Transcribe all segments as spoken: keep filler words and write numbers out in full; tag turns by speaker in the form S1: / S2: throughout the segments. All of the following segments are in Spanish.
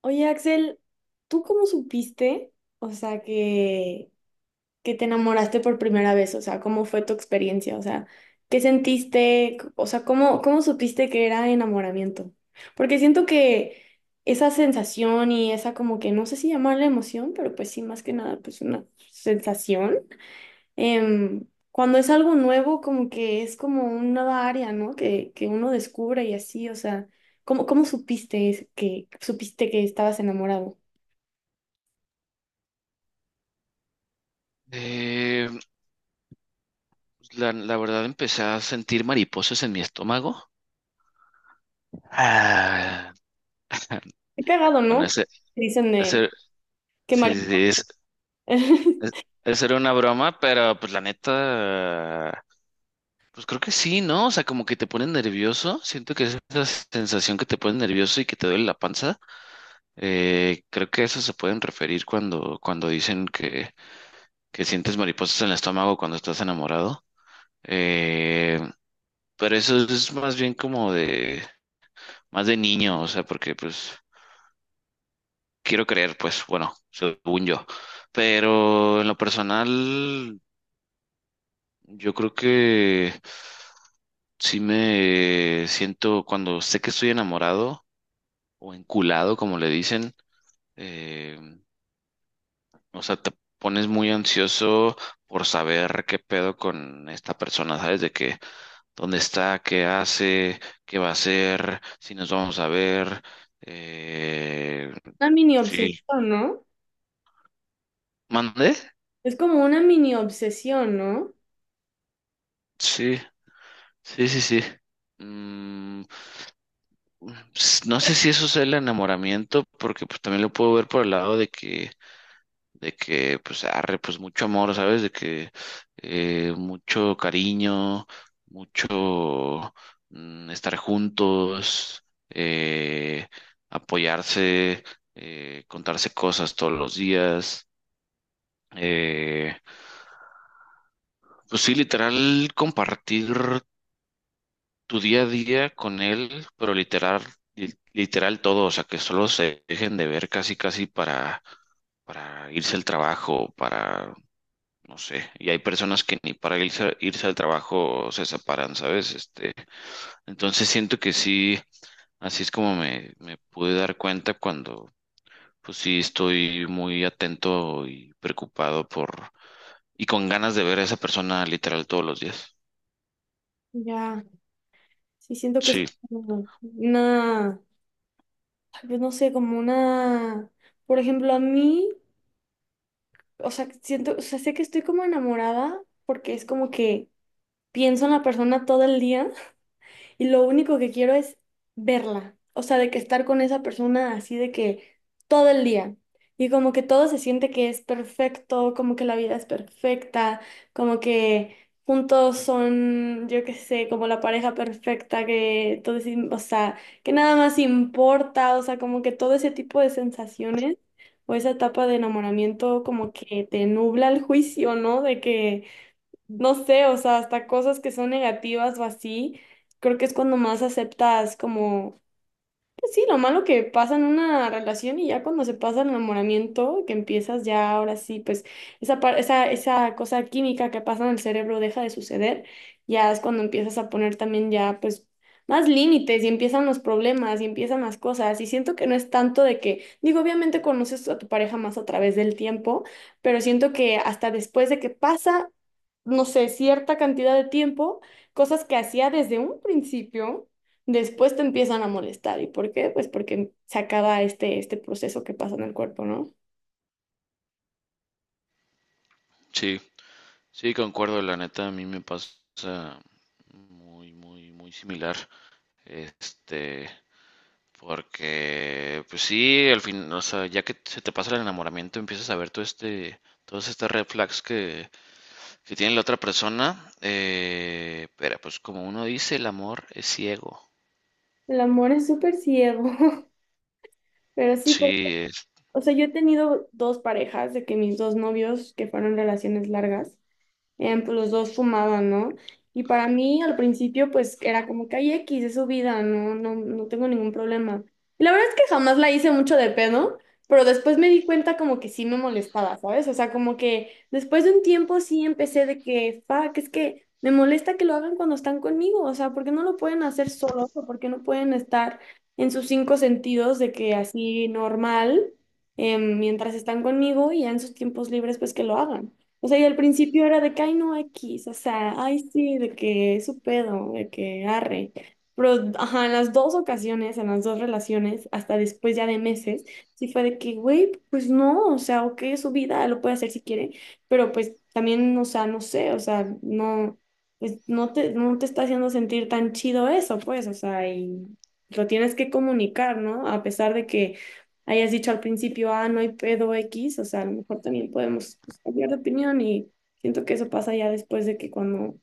S1: Oye, Axel, ¿tú cómo supiste, o sea, que, que te enamoraste por primera vez? O sea, ¿cómo fue tu experiencia? O sea, ¿qué sentiste? C- O sea, ¿cómo, cómo supiste que era enamoramiento? Porque siento que esa sensación y esa como que, no sé si llamarla emoción, pero pues sí, más que nada, pues una sensación. em, Cuando es algo nuevo, como que es como una nueva área, ¿no? Que, que uno descubre y así, o sea, ¿cómo, cómo supiste es- que, supiste que estabas enamorado?
S2: Eh, pues, la, la verdad empecé a sentir mariposas en mi estómago. Ah,
S1: Qué cagado,
S2: bueno,
S1: ¿no?
S2: ese,
S1: Dicen de
S2: ese,
S1: qué
S2: sí, sí,
S1: marido.
S2: sí, es, es- esa era una broma, pero pues la neta, pues creo que sí, ¿no? O sea, como que te pone nervioso. Siento que es esa sensación que te pone nervioso y que te duele la panza. Eh, creo que a eso se pueden referir cuando, cuando dicen que, que sientes mariposas en el estómago cuando estás enamorado. Eh, pero eso es más bien como de más de niño, o sea, porque pues quiero creer, pues bueno, según yo. Pero en lo personal, yo creo que sí me siento cuando sé que estoy enamorado o enculado, como le dicen, eh, o sea, te pones muy ansioso por saber qué pedo con esta persona, ¿sabes? De que dónde está, qué hace, qué va a hacer, si nos vamos a ver. Eh,
S1: Una mini
S2: sí.
S1: obsesión, ¿no?
S2: ¿Mandé?
S1: Es como una mini obsesión, ¿no?
S2: Sí. Sí, sí, sí. Mm, s- no sé si eso es el enamoramiento, porque pues también lo puedo ver por el lado de que, de que, pues, arre, pues mucho amor, ¿sabes? De que eh, mucho cariño, mucho mm, estar juntos, eh, apoyarse, eh, contarse cosas todos los días. eh, pues sí, literal, compartir tu día a día con él, pero literal, li- literal todo, o sea, que solo se dejen de ver casi, casi para, para irse al trabajo, para, no sé, y hay personas que ni para irse, irse al trabajo se separan, ¿sabes? Este, entonces siento que sí, así es como me, me pude dar cuenta cuando, pues sí, estoy muy atento y preocupado por, y con ganas de ver a esa persona literal todos los días.
S1: Ya, sí siento que es
S2: Sí,
S1: como una, tal vez no sé, como una, por ejemplo, a mí, o sea, siento, o sea, sé que estoy como enamorada porque es como que pienso en la persona todo el día y lo único que quiero es verla, o sea, de que estar con esa persona así de que todo el día. Y como que todo se siente que es perfecto, como que la vida es perfecta, como que juntos son, yo qué sé, como la pareja perfecta, que todo es, im- o sea, que nada más importa, o sea, como que todo ese tipo de sensaciones o esa etapa de enamoramiento como que te nubla el juicio, ¿no? De que no sé, o sea, hasta cosas que son negativas o así, creo que es cuando más aceptas como sí, lo malo que pasan una relación y ya cuando se pasa el enamoramiento, que empiezas ya ahora sí, pues esa, par- esa, esa cosa química que pasa en el cerebro deja de suceder, ya es cuando empiezas a poner también ya pues más límites y empiezan los problemas y empiezan las cosas y siento que no es tanto de que, digo, obviamente conoces a tu pareja más a través del tiempo, pero siento que hasta después de que pasa, no sé, cierta cantidad de tiempo, cosas que hacía desde un principio. Después te empiezan a molestar. ¿Y por qué? Pues porque se acaba este, este proceso que pasa en el cuerpo, ¿no?
S2: sí. Sí, concuerdo, la neta, a mí me pasa muy, muy, muy similar. Este, porque, pues sí, al fin, o sea, ya que se te pasa el enamoramiento, empiezas a ver todo este, todas estas red flags que, que tiene la otra persona. Eh, pero, pues, como uno dice, el amor es ciego.
S1: El amor es súper ciego, pero sí, pues,
S2: Sí, es-
S1: o sea, yo he tenido dos parejas de que mis dos novios que fueron relaciones largas. Bien, pues los dos fumaban, ¿no? Y para mí al principio pues era como que hay X, es su vida, no, no, no tengo ningún problema. Y la verdad es que jamás la hice mucho de pedo, pero después me di cuenta como que sí me molestaba, ¿sabes? O sea, como que después de un tiempo sí empecé de que, fuck, es que me molesta que lo hagan cuando están conmigo, o sea, ¿por qué no lo pueden hacer solos o por qué no pueden estar en sus cinco sentidos de que así normal, em, mientras están conmigo y ya en sus tiempos libres pues que lo hagan? O sea, y al principio era de que, ay, no, X, o sea, ay, sí, de que es su pedo, de que arre. Pero, ajá, en las dos ocasiones, en las dos relaciones, hasta después ya de meses, sí fue de que, güey, pues no, o sea, ok, es su vida, lo puede hacer si quiere, pero pues también, o sea, no sé, o sea, no, pues no te, no te está haciendo sentir tan chido eso, pues, o sea, y lo tienes que comunicar, ¿no? A pesar de que hayas dicho al principio, ah, no hay pedo X, o sea, a lo mejor también podemos pues, cambiar de opinión y siento que eso pasa ya después de que cuando,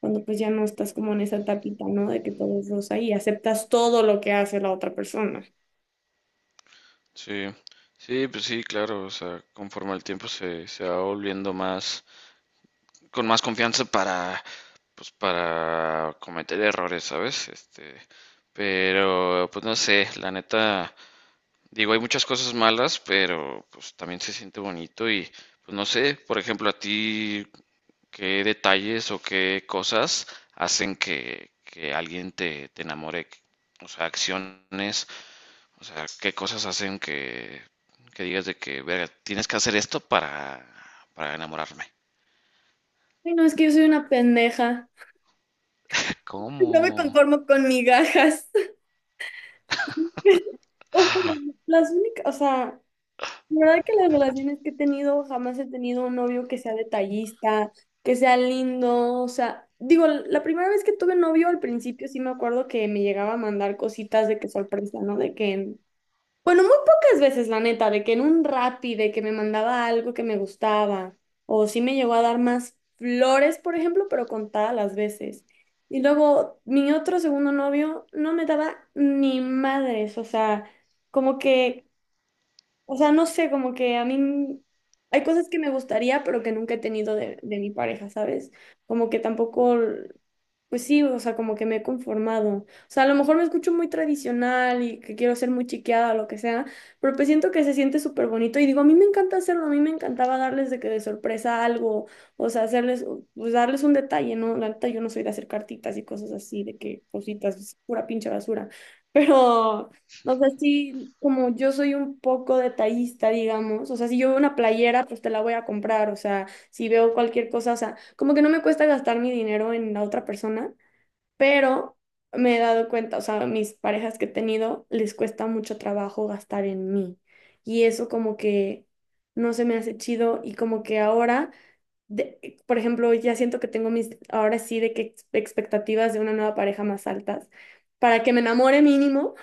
S1: cuando pues ya no estás como en esa tapita, ¿no? De que todo es rosa y aceptas todo lo que hace la otra persona.
S2: sí, sí, pues sí, claro, o sea, conforme el tiempo se, se va volviendo más. Con más confianza para, pues, para cometer errores, ¿sabes? Este, pero, pues no sé, la neta, digo, hay muchas cosas malas, pero pues también se siente bonito y, pues no sé, por ejemplo, a ti, ¿qué detalles o qué cosas hacen que, que alguien te, te enamore? O sea, acciones, o sea, ¿qué cosas hacen que, que digas de que, verga, tienes que hacer esto para, para enamorarme?
S1: Ay, no, es que yo soy una pendeja. Yo me
S2: ¿Cómo?
S1: conformo con migajas. Las únicas, o sea, la verdad que las relaciones que he tenido, jamás he tenido un novio que sea detallista, que sea lindo, o sea, digo, la primera vez que tuve novio al principio sí me acuerdo que me llegaba a mandar cositas de que sorpresa, ¿no? De que, en- bueno, muy pocas veces, la neta, de que en un Rappi, de que me mandaba algo que me gustaba, o sí me llegó a dar más flores, por ejemplo, pero contadas las veces. Y luego mi otro segundo novio no me daba ni madres, o sea como que o sea, no sé, como que a mí hay cosas que me gustaría, pero que nunca he tenido de, de mi pareja, ¿sabes? Como que tampoco l- pues sí, o sea, como que me he conformado. O sea, a lo mejor me escucho muy tradicional y que quiero ser muy chiqueada o lo que sea, pero pues siento que se siente súper bonito y digo, a mí me encanta hacerlo, a mí me encantaba darles de que de sorpresa algo, o sea, hacerles, pues darles un detalle, ¿no? La neta, yo no soy de hacer cartitas y cosas así, de que cositas, es pura pinche basura, pero, o sea, sí, como yo soy un poco detallista, digamos, o sea, si yo veo una playera, pues te la voy a comprar, o sea si veo cualquier cosa, o sea, como que no me cuesta gastar mi dinero en la otra persona, pero me he dado cuenta, o sea, mis parejas que he tenido les cuesta mucho trabajo gastar en mí. Y eso como que no se me hace chido y como que ahora, de- eh, por ejemplo, ya siento que tengo mis, ahora sí, de que ex- expectativas de una nueva pareja más altas, para que me enamore mínimo.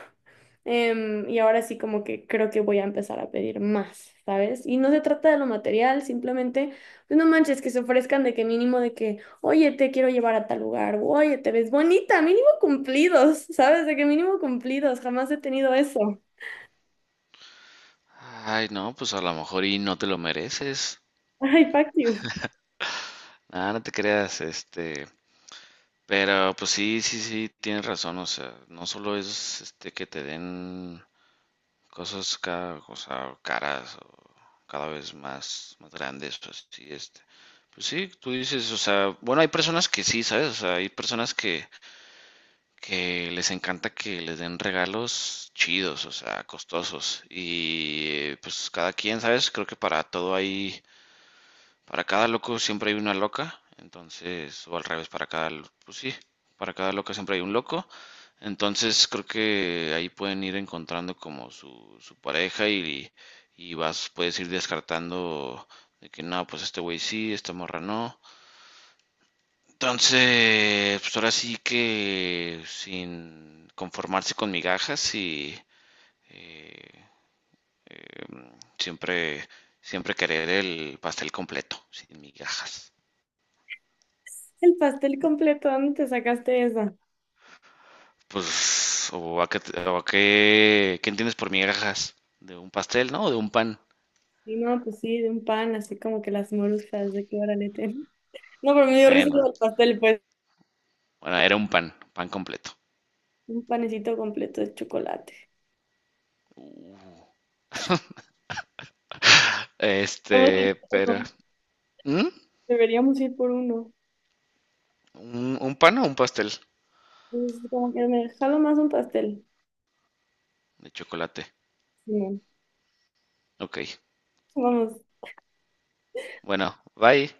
S1: Em, y ahora sí como que creo que voy a empezar a pedir más, ¿sabes? Y no se trata de lo material, simplemente, pues no manches, que se ofrezcan de que mínimo de que, oye, te quiero llevar a tal lugar, o, oye, te ves bonita, mínimo cumplidos, ¿sabes? De que mínimo cumplidos, jamás he tenido eso.
S2: Ay, no, pues a lo mejor y no te lo mereces.
S1: Ay, fuck you.
S2: Ah, no te creas, este, pero pues sí, sí, sí, tienes razón, o sea, no solo es este que te den cosas cada, o sea, caras o cada vez más, más grandes, pues sí, este, pues sí, tú dices, o sea, bueno, hay personas que sí, ¿sabes? O sea, hay personas que, que les encanta que les den regalos chidos, o sea, costosos, y pues cada quien, ¿sabes? Creo que para todo hay. Para cada loco siempre hay una loca, entonces, o al revés, para cada, lo- pues sí, para cada loca siempre hay un loco, entonces creo que ahí pueden ir encontrando como su, su pareja y, y vas, puedes ir descartando de que no, pues este güey sí, esta morra no. Entonces, pues ahora sí que sin conformarse con migajas y eh, siempre, siempre querer el pastel completo, sin migajas.
S1: El pastel completo, ¿dónde te sacaste esa?
S2: Pues, o a qué, te- o a qué, ¿qué entiendes por migajas? ¿De un pastel, no? ¿O de un pan?
S1: Y no, pues sí, de un pan, así como que las moruscas, de que órale, ten. No, pero me dio risa
S2: Bueno,
S1: lo del pastel, pues.
S2: bueno, era un pan, pan completo.
S1: Un panecito completo de chocolate. Vamos a ir
S2: Este,
S1: por
S2: pero,
S1: uno.
S2: ¿Mm?
S1: Deberíamos ir por uno.
S2: ¿Un, un pan o un pastel
S1: Es como que me jalo más un pastel.
S2: de chocolate?
S1: Simón.
S2: Ok,
S1: Vamos,
S2: bueno, bye.